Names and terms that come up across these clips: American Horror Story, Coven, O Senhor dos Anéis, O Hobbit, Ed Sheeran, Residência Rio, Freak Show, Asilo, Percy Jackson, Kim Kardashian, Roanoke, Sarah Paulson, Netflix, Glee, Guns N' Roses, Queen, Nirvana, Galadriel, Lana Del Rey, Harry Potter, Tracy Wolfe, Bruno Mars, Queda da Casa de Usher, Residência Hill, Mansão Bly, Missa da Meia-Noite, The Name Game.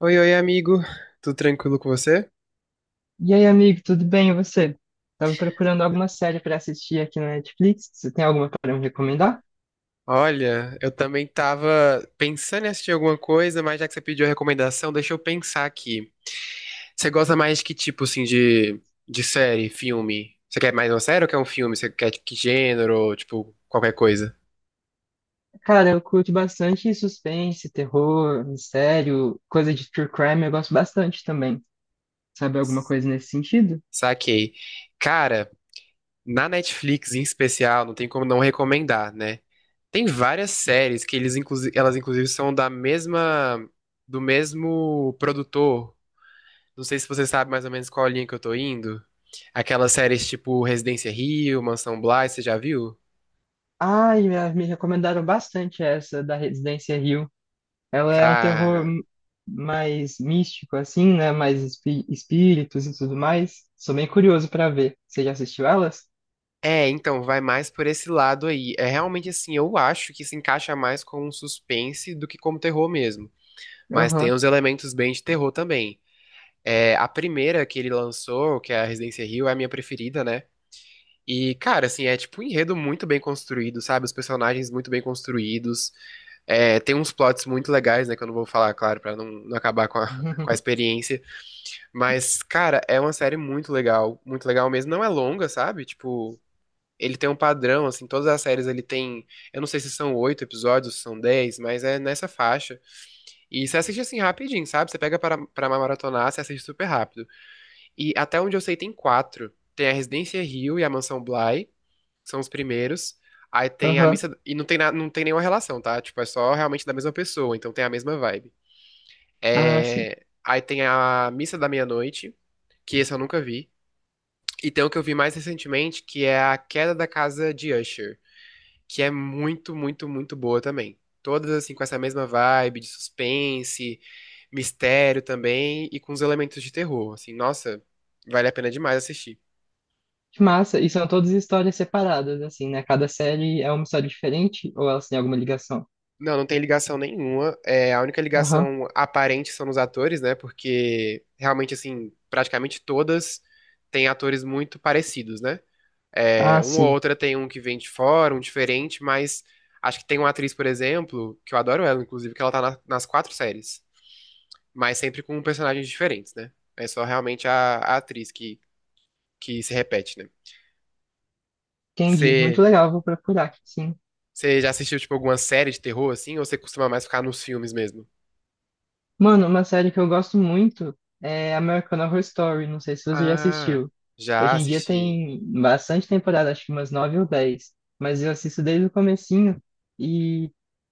Oi, oi, amigo. Tudo tranquilo com você? E aí, amigo, tudo bem? E você? Tava procurando alguma série pra assistir aqui na Netflix. Você tem alguma para me recomendar? Olha, eu também tava pensando em assistir alguma coisa, mas já que você pediu a recomendação, deixa eu pensar aqui. Você gosta mais de que tipo, assim, de série, filme? Você quer mais uma série ou quer um filme? Você quer tipo, que gênero, tipo, qualquer coisa? Cara, eu curto bastante suspense, terror, mistério, coisa de true crime, eu gosto bastante também. Sabe alguma coisa nesse sentido? Saquei. Cara, na Netflix em especial, não tem como não recomendar, né? Tem várias séries que eles, inclusive, elas inclusive são da mesma, do mesmo produtor. Não sei se você sabe mais ou menos qual linha que eu tô indo. Aquelas séries tipo Residência Rio, Mansão Bly, você já viu? Ai, me recomendaram bastante essa da Residência Hill. Ela é um terror Cara, mais místico, assim, né? Mais espíritos e tudo mais. Sou bem curioso pra ver. Você já assistiu elas? é, então vai mais por esse lado aí. É realmente assim, eu acho que se encaixa mais com um suspense do que como terror mesmo. Mas tem Aham. uns elementos bem de terror também. É, a primeira que ele lançou, que é a Residência Rio, é a minha preferida, né? E, cara, assim, é tipo um enredo muito bem construído, sabe? Os personagens muito bem construídos. É, tem uns plots muito legais, né? Que eu não vou falar, claro, pra não acabar com a, com a experiência. Mas, cara, é uma série muito legal. Muito legal mesmo. Não é longa, sabe? Tipo, ele tem um padrão, assim. Todas as séries ele tem. Eu não sei se são 8 episódios, se são 10, mas é nessa faixa. E você assiste assim rapidinho, sabe? Você pega pra maratonar, você assiste super rápido. E até onde eu sei, tem quatro. Tem a Residência Hill e a Mansão Bly são os primeiros. Aí tem a Aham. missa. E não tem nenhuma relação, tá? Tipo, é só realmente da mesma pessoa, então tem a mesma vibe. Ah, sim. É, aí tem a missa da meia-noite, que esse eu nunca vi. E tem o que eu vi mais recentemente, que é a Queda da Casa de Usher, que é muito, muito, muito boa também. Todas assim com essa mesma vibe de suspense, mistério também e com os elementos de terror. Assim, nossa, vale a pena demais assistir. Que massa! E são todas histórias separadas, assim, né? Cada série é uma história diferente ou elas têm alguma ligação? Não, não tem ligação nenhuma. É, a única Aham. ligação aparente são nos atores, né? Porque realmente, assim, praticamente todas têm atores muito parecidos, né? Ah, É, uma ou sim. outra tem um que vem de fora, um diferente, mas acho que tem uma atriz, por exemplo, que eu adoro ela, inclusive, que ela tá nas quatro séries, mas sempre com personagens diferentes, né? É só realmente a atriz que se repete, né? Entendi. Muito Você, legal, vou procurar, sim. você já assistiu, tipo, alguma série de terror, assim, ou você costuma mais ficar nos filmes mesmo? Mano, uma série que eu gosto muito é American Horror Story. Não sei se você já Ah, assistiu. já Hoje em dia assisti. tem bastante temporada, acho que umas nove ou dez. Mas eu assisto desde o comecinho e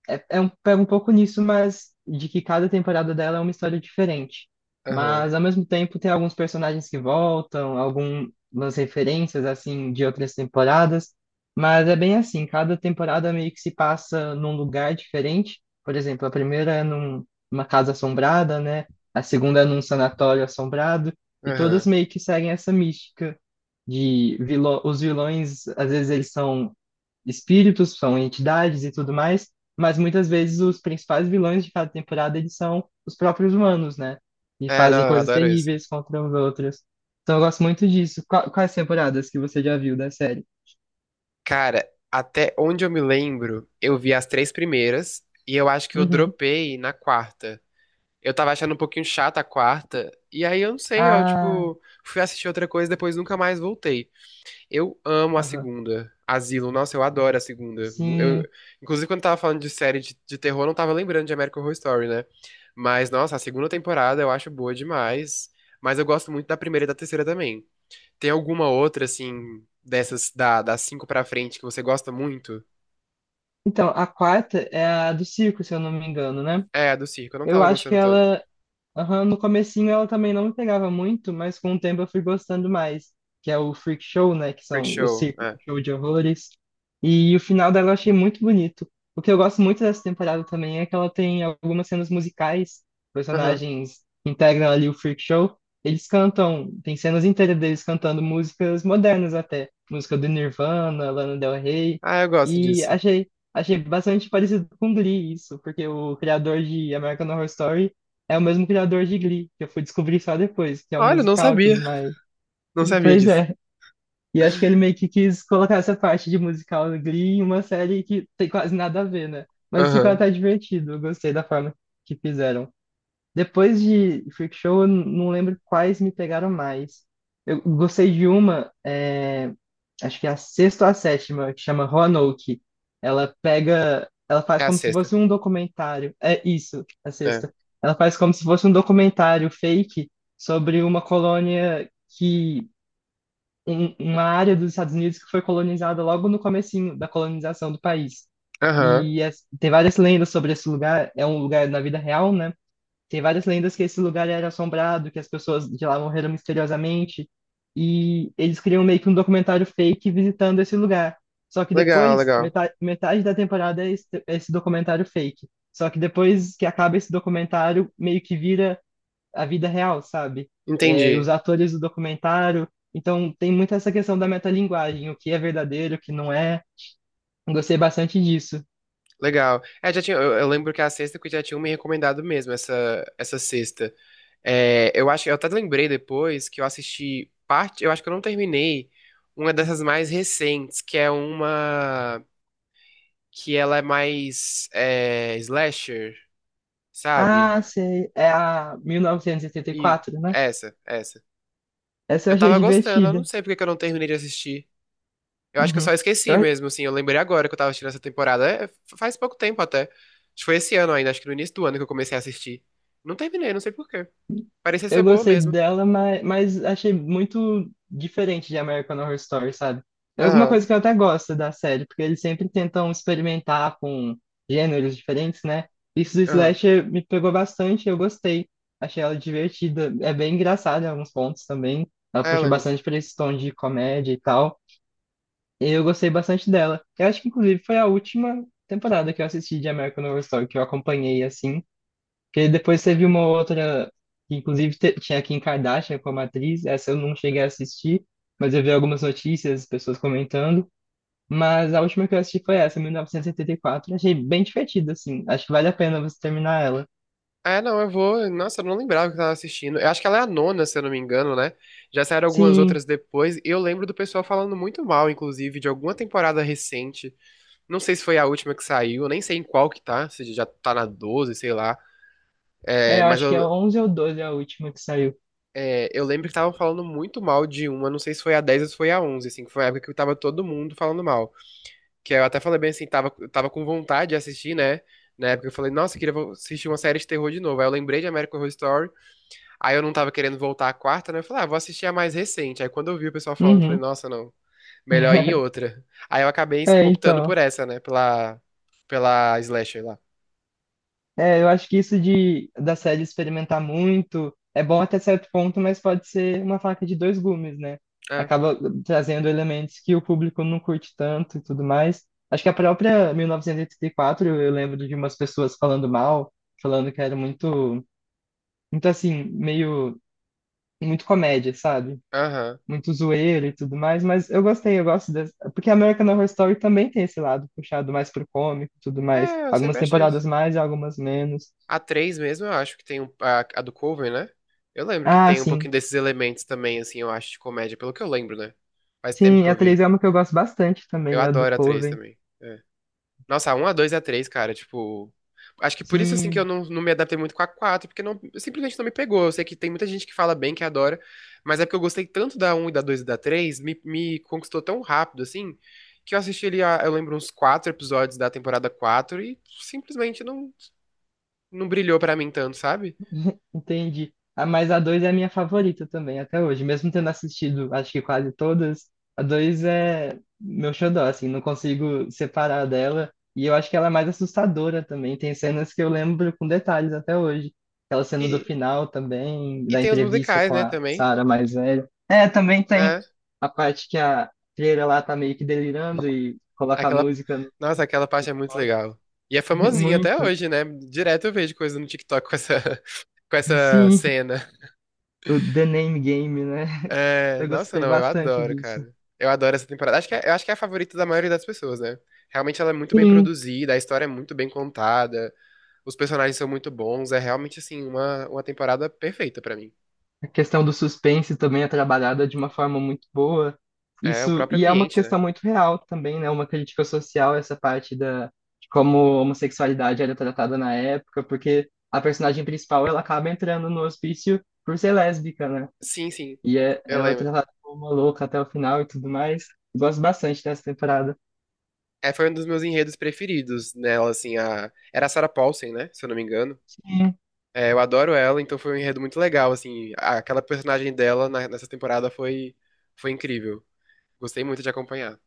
pega um pouco nisso, mas de que cada temporada dela é uma história diferente. Aham, Mas ao mesmo tempo tem alguns personagens que voltam, algumas referências assim de outras temporadas. Mas é bem assim, cada temporada meio que se passa num lugar diferente. Por exemplo, a primeira é num uma casa assombrada, né? A segunda é num sanatório assombrado, e todas aham. meio que seguem essa mística de vilão, os vilões, às vezes eles são espíritos, são entidades e tudo mais, mas muitas vezes os principais vilões de cada temporada eles são os próprios humanos, né? E É, fazem não, eu coisas adoro isso. terríveis contra os outros. Então eu gosto muito disso. Quais temporadas que você já viu da série? Cara, até onde eu me lembro, eu vi as três primeiras e eu acho que eu Uhum. dropei na quarta. Eu tava achando um pouquinho chata a quarta, e aí eu não sei, eu, Ah, tipo, fui assistir outra coisa e depois nunca mais voltei. Eu amo a aham. segunda. Asilo, nossa, eu adoro a segunda. Eu, Sim. inclusive, quando tava falando de série de terror, eu não tava lembrando de American Horror Story, né? Mas, nossa, a segunda temporada eu acho boa demais. Mas eu gosto muito da primeira e da terceira também. Tem alguma outra, assim, dessas das cinco pra frente que você gosta muito? Então, a quarta é a do circo, se eu não me engano, né? É, a do circo. Eu não Eu tava acho que gostando tanto. ela Aham, no comecinho ela também não me pegava muito, mas com o tempo eu fui gostando mais, que é o Freak Show, né, que Freak são o Show, circo é. show de horrores. E o final dela eu achei muito bonito. O que eu gosto muito dessa temporada também é que ela tem algumas cenas musicais, Aham. personagens que integram ali o Freak Show, eles cantam, tem cenas inteiras deles cantando músicas modernas até, música do Nirvana, Lana Del Rey, Ah, eu gosto e disso. achei bastante parecido com Glee isso, porque o criador de American Horror Story é o mesmo criador de Glee, que eu fui descobrir só depois, que é um Olha, eu não musical e sabia. tudo mais. Não sabia Pois disso. é. E acho que ele meio que quis colocar essa parte de musical do Glee em uma série que tem quase nada a ver, né? Mas ficou Aham. até divertido. Eu gostei da forma que fizeram. Depois de Freak Show, eu não lembro quais me pegaram mais. Eu gostei de uma, acho que é a sexta ou a sétima, que chama Roanoke. Ela faz É a como se sexta. fosse um documentário. É isso, a É. sexta. Ela faz como se fosse um documentário fake sobre uma colônia que, uma área dos Estados Unidos que foi colonizada logo no comecinho da colonização do país. Aham. E tem várias lendas sobre esse lugar. É um lugar na vida real, né? Tem várias lendas que esse lugar era assombrado, que as pessoas de lá morreram misteriosamente. E eles criam meio que um documentário fake visitando esse lugar. Só que Legal, depois, legal. metade da temporada é esse documentário fake. Só que depois que acaba esse documentário, meio que vira a vida real, sabe? É, os Entendi. atores do documentário. Então tem muito essa questão da metalinguagem, o que é verdadeiro, o que não é. Gostei bastante disso. Legal. É, já tinha, eu lembro que a sexta que já tinham me recomendado mesmo, essa sexta. É, eu acho, eu até lembrei depois que eu assisti parte, eu acho que eu não terminei uma dessas mais recentes, que é uma. Que ela é mais slasher, sabe? Ah, sei. É a mil novecentos e oitenta e E quatro, né? essa. Essa eu Eu achei tava gostando, eu não divertida. sei porque que eu não terminei de assistir. Eu acho que eu só Uhum. esqueci Eu, mesmo, assim. Eu lembrei agora que eu tava assistindo essa temporada. É, faz pouco tempo até. Acho que foi esse ano ainda, acho que no início do ano que eu comecei a assistir. Não terminei, não sei por quê. Parecia ser eu boa gostei mesmo. dela, mas achei muito diferente de American Horror Story, sabe? É alguma Aham, coisa que eu até gosto da série, porque eles sempre tentam experimentar com gêneros diferentes, né? Isso do aham. Slasher me pegou bastante, eu gostei. Achei ela divertida. É bem engraçada em alguns pontos também. Ela É, puxa ela bastante para esse tom de comédia e tal. E eu gostei bastante dela. Eu acho que, inclusive, foi a última temporada que eu assisti de American Horror Story, que eu acompanhei, assim. Porque depois teve uma outra, que inclusive tinha a Kim Kardashian como atriz, essa eu não cheguei a assistir, mas eu vi algumas notícias, pessoas comentando. Mas a última que eu assisti foi essa, mil novecentos e oitenta e quatro. Achei bem divertida, assim. Acho que vale a pena você terminar ela. É, não, eu vou. Nossa, eu não lembrava que eu tava assistindo. Eu acho que ela é a nona, se eu não me engano, né? Já saíram algumas Sim, outras depois. E eu lembro do pessoal falando muito mal, inclusive, de alguma temporada recente. Não sei se foi a última que saiu, nem sei em qual que tá, se já tá na 12, sei lá. É, eu mas acho que é eu, 11 ou 12 a última que saiu. é, eu lembro que estavam falando muito mal de uma, não sei se foi a 10 ou se foi a 11, assim, que foi a época que tava todo mundo falando mal. Que eu até falei bem assim, eu tava com vontade de assistir, né? Na época eu falei, nossa, eu queria assistir uma série de terror de novo. Aí eu lembrei de American Horror Story. Aí eu não tava querendo voltar à quarta, né? Eu falei, ah, vou assistir a mais recente. Aí quando eu vi o pessoal falando, eu falei, Uhum. nossa, não, melhor ir em outra. Aí eu acabei É, optando por então. essa, né? Pela slasher lá. É, eu acho que isso de da série experimentar muito é bom até certo ponto, mas pode ser uma faca de dois gumes, né? Ah, Acaba trazendo elementos que o público não curte tanto e tudo mais. Acho que a própria 1984, eu lembro de umas pessoas falando mal, falando que era muito, muito assim, meio, muito comédia, sabe? aham. Muito zoeira e tudo mais, mas eu gostei, eu gosto dessa. Porque American Horror Story também tem esse lado puxado mais pro cômico e tudo mais. É, eu Algumas sempre achei isso. temporadas mais e algumas menos. A 3 mesmo, eu acho que tem a do cover, né? Eu lembro que Ah, tem um sim. pouquinho desses elementos também, assim, eu acho, de comédia, pelo que eu lembro, né? Faz tempo que Sim, a eu 3 vi. é uma que eu gosto bastante Eu também, a do adoro a 3 Coven. também. É. Nossa, a 1, a 2 a 3 cara, tipo. Acho que por isso, assim, que eu Sim, não me adaptei muito com a 4 porque não, simplesmente não me pegou. Eu sei que tem muita gente que fala bem, que adora, mas é porque eu gostei tanto da um e da 2 e da 3 me conquistou tão rápido, assim, que eu assisti ali, eu lembro, uns 4 episódios da temporada 4 e simplesmente não brilhou pra mim tanto, sabe? entendi. Ah, mas a 2 é a minha favorita também, até hoje. Mesmo tendo assistido, acho que quase todas, a 2 é meu xodó, assim, não consigo separar dela. E eu acho que ela é mais assustadora também. Tem cenas que eu lembro com detalhes até hoje. Aquela cena do E, final também, e da tem os entrevista musicais, com né, a também. Sarah mais velha. É, também tem É, a parte que a Freira lá tá meio que delirando e coloca a aquela. música no Nossa, aquela parte é muito box. legal. E é famosinha até Muito. hoje, né? Direto eu vejo coisa no TikTok com essa, com essa Sim, cena. o The Name Game, né? É, Eu nossa, gostei não, eu bastante adoro, disso. cara. Eu adoro essa temporada. Eu acho que é a favorita da maioria das pessoas, né? Realmente ela é muito bem Sim, produzida, a história é muito bem contada, os personagens são muito bons, é realmente, assim, uma temporada perfeita pra mim. a questão do suspense também é trabalhada de uma forma muito boa. É o Isso, próprio e é uma ambiente, né? questão muito real também, né? Uma crítica social, essa parte de como a homossexualidade era tratada na época, porque a personagem principal, ela acaba entrando no hospício por ser lésbica, né? Sim, sim, E eu ela é lembro. tratada como uma louca até o final e tudo mais. Gosto bastante dessa temporada. É, foi um dos meus enredos preferidos nela, assim, Era a Sarah Paulson, né? Se eu não me engano. Sim. É, eu adoro ela, então foi um enredo muito legal, assim. Aquela personagem dela nessa temporada foi incrível. Gostei muito de acompanhar.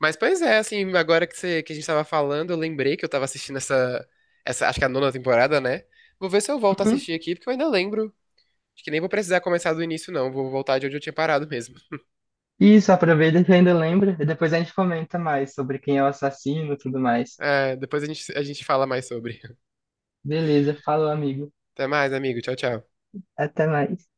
Mas, pois é, assim, agora que, você, que a gente tava falando, eu lembrei que eu tava assistindo essa, acho que é a nona temporada, né? Vou ver se eu volto a Uhum. assistir aqui, porque eu ainda lembro. Acho que nem vou precisar começar do início, não. Vou voltar de onde eu tinha parado mesmo. Isso, aproveita que ainda lembra e depois a gente comenta mais sobre quem é o assassino e tudo mais. É, depois a gente fala mais sobre. Beleza, falou, amigo. Até mais, amigo. Tchau, tchau. Até mais.